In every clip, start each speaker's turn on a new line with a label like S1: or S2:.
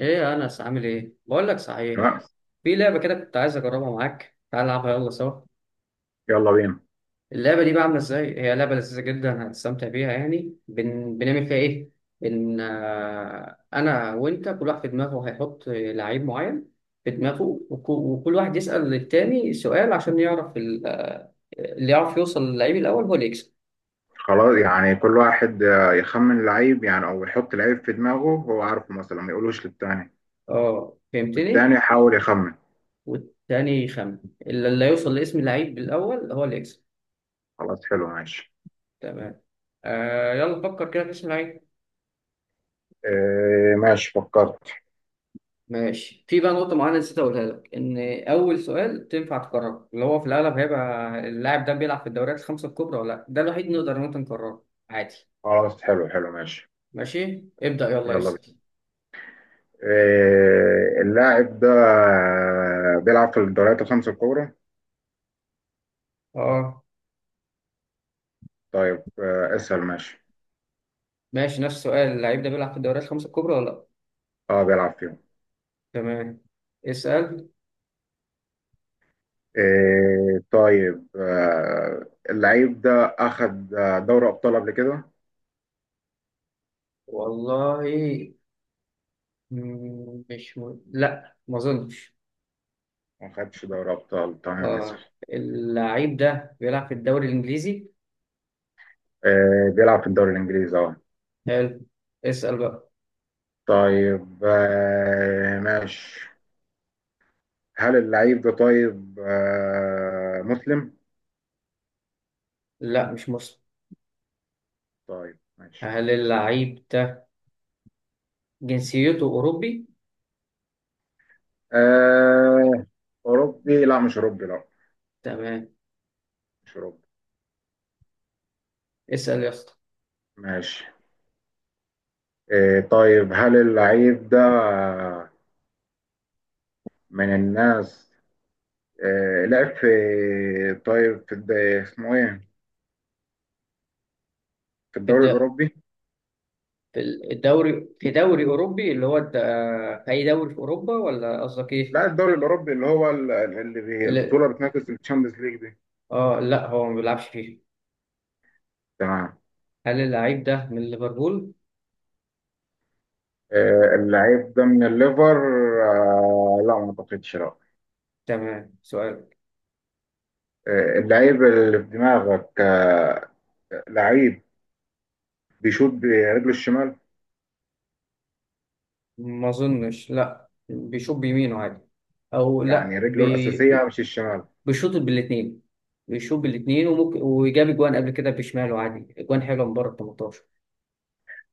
S1: ايه يا انس، عامل ايه؟ بقول لك صحيح،
S2: تمام.
S1: في لعبه كده كنت عايز اجربها معاك، تعال نلعبها يلا سوا.
S2: يلا بينا.
S1: اللعبه دي بقى عامله ازاي؟ هي لعبه لذيذه جدا، هتستمتع بيها. يعني بنعمل فيها ايه؟ بن آه، انا وانت كل واحد في دماغه هيحط لعيب معين في دماغه، وكل واحد يسأل للتاني سؤال عشان يعرف ال... آه، اللي يعرف يوصل للعيب الاول هو اللي يكسب.
S2: خلاص، يعني كل واحد يخمن لعيب يعني، او يحط لعيب في دماغه هو عارفه مثلا ما يقولوش للتاني،
S1: اه، فهمتني.
S2: والتاني يحاول يخمن.
S1: والتاني يخمن. اللي يوصل لاسم اللعيب الاول هو اللي يكسب.
S2: خلاص حلو ماشي.
S1: تمام. يلا فكر كده في اسم لعيب.
S2: إيه ماشي فكرت.
S1: ماشي، في بقى نقطة معينة نسيت أقولها لك، إن أول سؤال تنفع تكرره اللي هو في الأغلب هيبقى اللاعب ده بيلعب في الدوريات الخمسة الكبرى ولا لأ، ده الوحيد نقدر إن إحنا نكرره عادي.
S2: خلاص حلو حلو ماشي.
S1: ماشي، ابدأ، يلا
S2: يلا بينا.
S1: اسأل.
S2: إيه اللاعب ده بيلعب في الدوريات الخمس الكبرى؟
S1: أه.
S2: طيب اسأل ماشي.
S1: ماشي، نفس السؤال، اللاعب ده بيلعب في الدوريات الخمسة الكبرى ولا لأ؟
S2: اه بيلعب فيهم.
S1: تمام. اسأل.
S2: إيه طيب، اللعيب ده اخد دوري ابطال قبل كده؟
S1: والله، مش م... لأ ما أظنش.
S2: ما خدش دوري ابطال، تمام اسأل.
S1: أه. اللاعب ده بيلعب في الدوري الإنجليزي.
S2: بيلعب في الدوري الإنجليزي اه.
S1: حلو. اسأل بقى.
S2: طيب ماشي. هل اللعيب ده طيب مسلم؟
S1: لأ مش مصري.
S2: طيب ماشي.
S1: هل اللاعب ده جنسيته أوروبي؟
S2: آه، أوروبي؟ لا مش أوروبي لا.
S1: تمام.
S2: مش أوروبي
S1: اسأل يا اسطى.
S2: ماشي. طيب هل اللعيب ده من الناس لعب في طيب اسمه إيه؟ في
S1: في
S2: الدوري
S1: الد-
S2: الأوروبي؟
S1: في الدوري، في دوري أوروبي اللي هو في أي دوري في أوروبا، ولا قصدك إيه؟
S2: لا، الدوري الأوروبي اللي هو ال- اللي بي-
S1: اللي...
S2: البطولة بتنافس الشامبيونز ليج دي.
S1: لا، هو ما بيلعبش فيه.
S2: تمام.
S1: هل اللعيب ده من ليفربول؟
S2: اللعيب ده من الليفر لا ما اعتقدش لا.
S1: تمام، سؤال.
S2: اللعيب اللي في دماغك لعيب بيشوط برجله الشمال.
S1: ما أظنش، لا بيشوط بيمينه عادي، أو
S2: يعني
S1: لا
S2: رجله الأساسية مش الشمال.
S1: بيشوط بالاتنين. بيشوط بالاتنين، وممكن وجاب أجوان قبل كده بشماله عادي، أجوان حلوة من بره ال 18.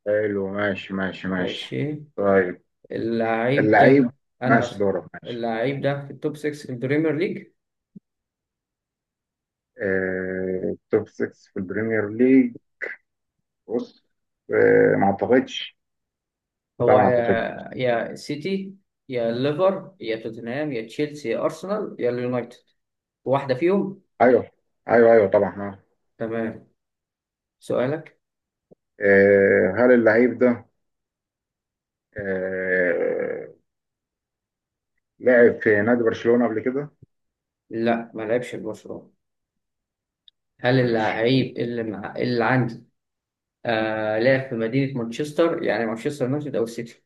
S2: حلو ماشي ماشي ماشي.
S1: ماشي،
S2: طيب
S1: اللعيب
S2: اللعيب.
S1: ده. انا
S2: ماشي
S1: هسأل.
S2: دورك ماشي.
S1: اللعيب ده في التوب 6 في البريمير ليج.
S2: توب 6 في البريمير ليج. بص، ما اعتقدش لا.
S1: هو
S2: ما اعتقدش.
S1: يا سيتي، يا ليفر، يا توتنهام، يا تشيلسي، يا ارسنال، يا اليونايتد، واحده فيهم.
S2: ايوه ايوه ايوه طبعا
S1: تمام، سؤالك.
S2: هل اللعيب ده آه، لعب في نادي برشلونة قبل كده؟
S1: لا ما لعبش في برشلونه. هل
S2: ماشي.
S1: اللعيب اللي عندي، لعب في مدينه مانشستر، يعني مانشستر يونايتد او السيتي؟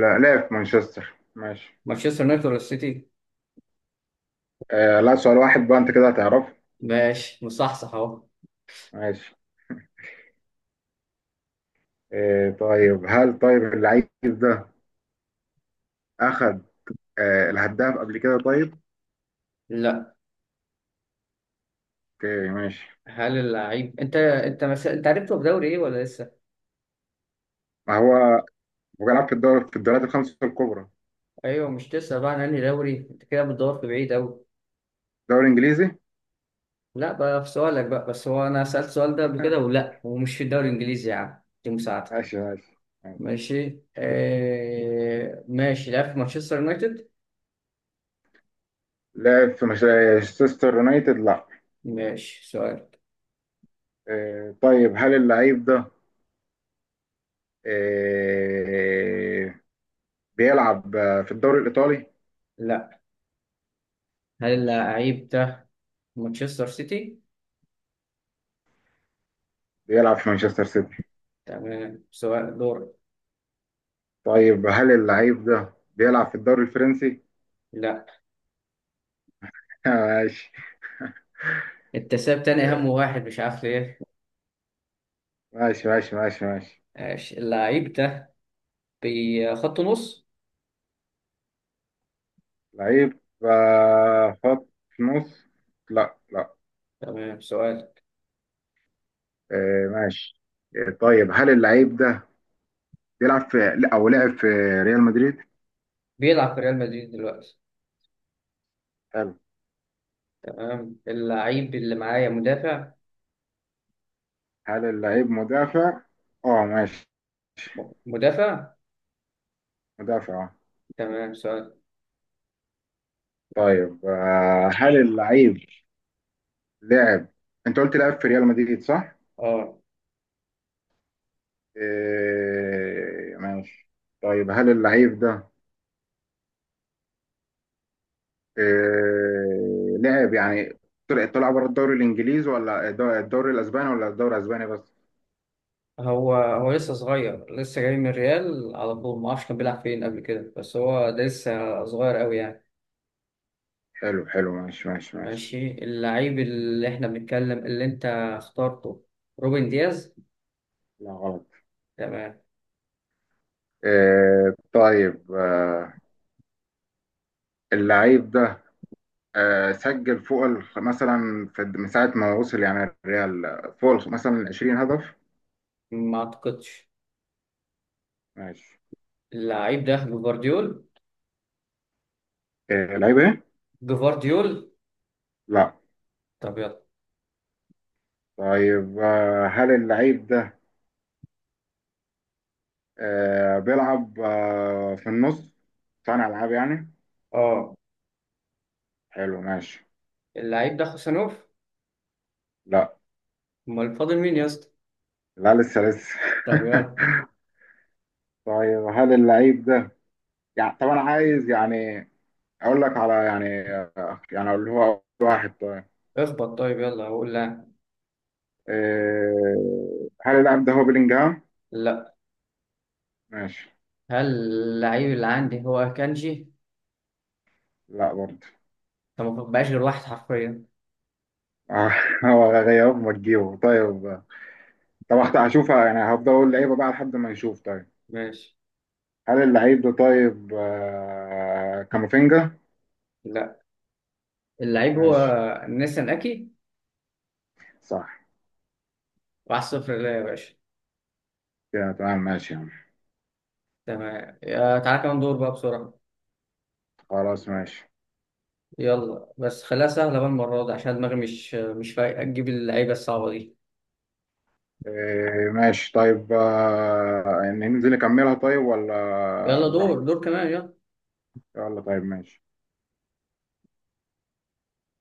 S2: لا لعب في مانشستر ماشي.
S1: مانشستر يونايتد ولا السيتي؟
S2: آه لا، سؤال واحد بقى انت كده هتعرفه.
S1: ماشي، مصحصح اهو.
S2: ماشي. آه طيب هل طيب اللعيب ده اخد الهداف قبل كده طيب؟
S1: لا.
S2: اوكي ماشي.
S1: هل اللعيب انت عرفته في دوري ايه ولا لسه؟
S2: ما هو هو لعب في الدوريات الخمسة الكبرى.
S1: ايوه، مش تسأل بقى عن انهي دوري؟ انت كده بتدور في بعيد قوي.
S2: دوري انجليزي.
S1: لا بقى في سؤالك بقى، بس هو انا سألت السؤال ده قبل كده، ولا هو مش في الدوري الانجليزي؟ يا عم، دي مساعدتك.
S2: ماشي ماشي ماشي.
S1: ماشي. ماشي، لعب في مانشستر يونايتد؟
S2: لعب في مانشستر يونايتد لا.
S1: ماشي، سؤال.
S2: آه طيب هل اللعيب ده آه بيلعب في الدوري الايطالي؟
S1: لا. هل
S2: ماشي.
S1: اللعيب ده مانشستر سيتي؟
S2: بيلعب في مانشستر سيتي.
S1: تمام، سؤال دور.
S2: طيب هل اللعيب ده بيلعب في الدوري الفرنسي؟
S1: لا.
S2: ماشي
S1: انت ساب تاني اهم واحد، مش عارف ليه.
S2: ماشي ماشي ماشي ماشي.
S1: ماشي، اللعيب ده بخط نص.
S2: لعيب خط نص؟ لا لا.
S1: تمام، سؤال.
S2: ماشي. طيب هل اللعيب ده بيلعب في لا، او لعب في ريال مدريد؟
S1: بيلعب في ريال مدريد دلوقتي.
S2: حلو.
S1: تمام، اللعيب اللي معايا مدافع.
S2: هل اللعيب مدافع؟ اه ماشي.
S1: مدافع.
S2: مدافع اه.
S1: تمام، سؤال.
S2: طيب هل اللعيب لعب، انت قلت لعب في ريال مدريد صح؟
S1: اه.
S2: ماشي. طيب هل اللعيب ده لعب يعني طلع بره الدوري الانجليزي ولا الدوري الاسباني، ولا الدوري الاسباني بس؟
S1: هو لسه صغير، لسه جاي من الريال على طول، ما اعرفش كان بيلعب فين قبل كده، بس هو ده لسه صغير قوي يعني.
S2: حلو حلو ماشي ماشي ماشي.
S1: ماشي، اللعيب اللي احنا بنتكلم اللي انت اخترته روبن دياز.
S2: لا غلط.
S1: تمام.
S2: طيب اللعيب ده سجل فوق مثلا في من ساعة ما وصل يعني الريال فوق مثلا 20 هدف؟
S1: ما اعتقدش.
S2: ماشي.
S1: اللعيب ده جفارديول.
S2: لعيب ايه؟
S1: جفارديول.
S2: لا.
S1: طب يلا.
S2: طيب هل اللعيب ده بيلعب في النص، صانع العاب يعني؟
S1: اه.
S2: حلو ماشي.
S1: اللعيب ده خوسانوف.
S2: لا.
S1: امال فاضل مين يا اسطى؟
S2: لا لسه لسه.
S1: طب يلا.
S2: طيب هل اللعيب ده، يعني طب انا عايز يعني اقول لك على يعني، يعني اقول هو أول واحد طيب.
S1: اخبط طيب، يلا هقول لا.
S2: إيه... هل اللاعب ده هو بيلينجهام؟
S1: لا.
S2: ماشي.
S1: هل اللعيب اللي عندي هو كانجي؟
S2: لا برضه.
S1: فما بقاش غير واحد حرفيا.
S2: آه، هو غيره ما تجيبه طيب. طب هشوفها يعني، هفضل اقول لعيبه بقى لحد ما نشوف طيب.
S1: ماشي.
S2: هل اللعيب ده طيب آه... كامافينجا؟
S1: لا. اللعيب هو
S2: ماشي.
S1: نيسان أكي.
S2: صح.
S1: واحد صفر ليا يا باشا.
S2: كده تمام ماشي يا عم.
S1: تمام، يا تعالى كمان دور بقى بسرعة.
S2: خلاص ماشي.
S1: يلا بس خليها سهلة بقى المرة دي، عشان دماغي مش فايقة تجيب اللعيبة الصعبة دي.
S2: إيه ماشي طيب، يعني ننزل نكملها طيب ولا
S1: يلا دور
S2: براحتك؟
S1: دور كمان يلا.
S2: يلا طيب ماشي.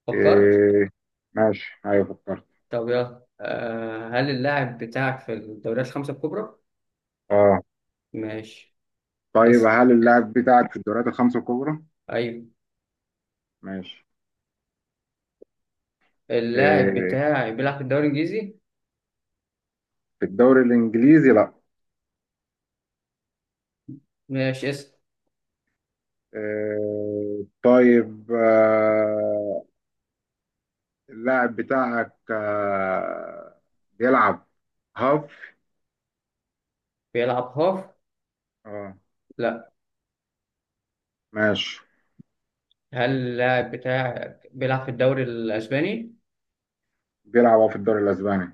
S1: فكرت.
S2: إيه ماشي ايوه فكرت.
S1: طب يلا. هل اللاعب بتاعك في الدوريات الخمسة الكبرى؟
S2: اه
S1: ماشي،
S2: طيب
S1: اسم.
S2: هل اللاعب بتاعك في الدوريات الخمسة الكبرى؟
S1: أيوه.
S2: ماشي.
S1: اللاعب
S2: إيه
S1: بتاعي بيلعب في الدوري الإنجليزي؟
S2: في الدوري الإنجليزي لا.
S1: ماشي، اسم.
S2: إيه طيب اللاعب بتاعك بيلعب هاف.
S1: بيلعب هاف؟
S2: اه
S1: لا.
S2: ماشي.
S1: هل اللاعب بتاعك بيلعب في الدوري الأسباني؟
S2: بيلعب هاف في الدوري الإسباني.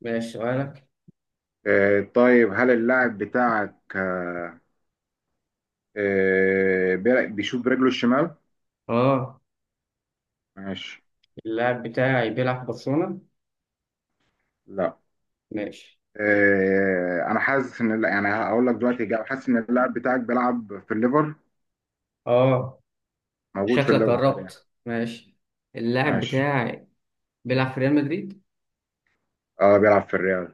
S1: ماشي، سؤالك.
S2: إيه طيب هل اللاعب بتاعك بيشوف برجله الشمال؟
S1: اه.
S2: ماشي.
S1: اللاعب بتاعي بيلعب في برشلونة؟
S2: لا.
S1: ماشي.
S2: انا حاسس ان لا، يعني هقول لك دلوقتي إجابة. حاسس ان اللاعب بتاعك بيلعب في الليفر،
S1: اه.
S2: موجود في
S1: شكلك
S2: الليفر حاليا.
S1: قربت. ماشي، اللاعب
S2: ماشي.
S1: بتاعي بيلعب في ريال مدريد.
S2: اه بيلعب في الريال.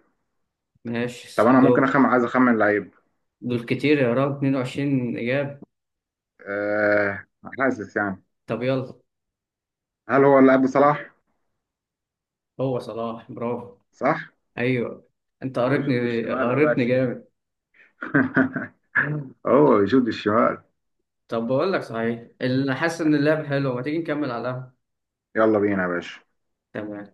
S2: طب
S1: ماشي،
S2: انا ممكن
S1: دول.
S2: اخمن، عايز اخمن لعيب.
S1: دول كتير يا راجل، 22 إجابة.
S2: أه حاسس يعني.
S1: طب يلا.
S2: هل هو اللاعب صلاح؟
S1: هو صلاح، برافو.
S2: صح.
S1: أيوه. أنت
S2: هو بيشوط
S1: قريتني
S2: بالشمال يا
S1: قريتني
S2: باشا.
S1: جامد.
S2: هو
S1: طب.
S2: بيشوط الشمال.
S1: طب بقول لك صحيح، اللي حاسس إن اللعب حلو، ما تيجي نكمل على القهوة؟
S2: يلا بينا يا باشا.
S1: تمام.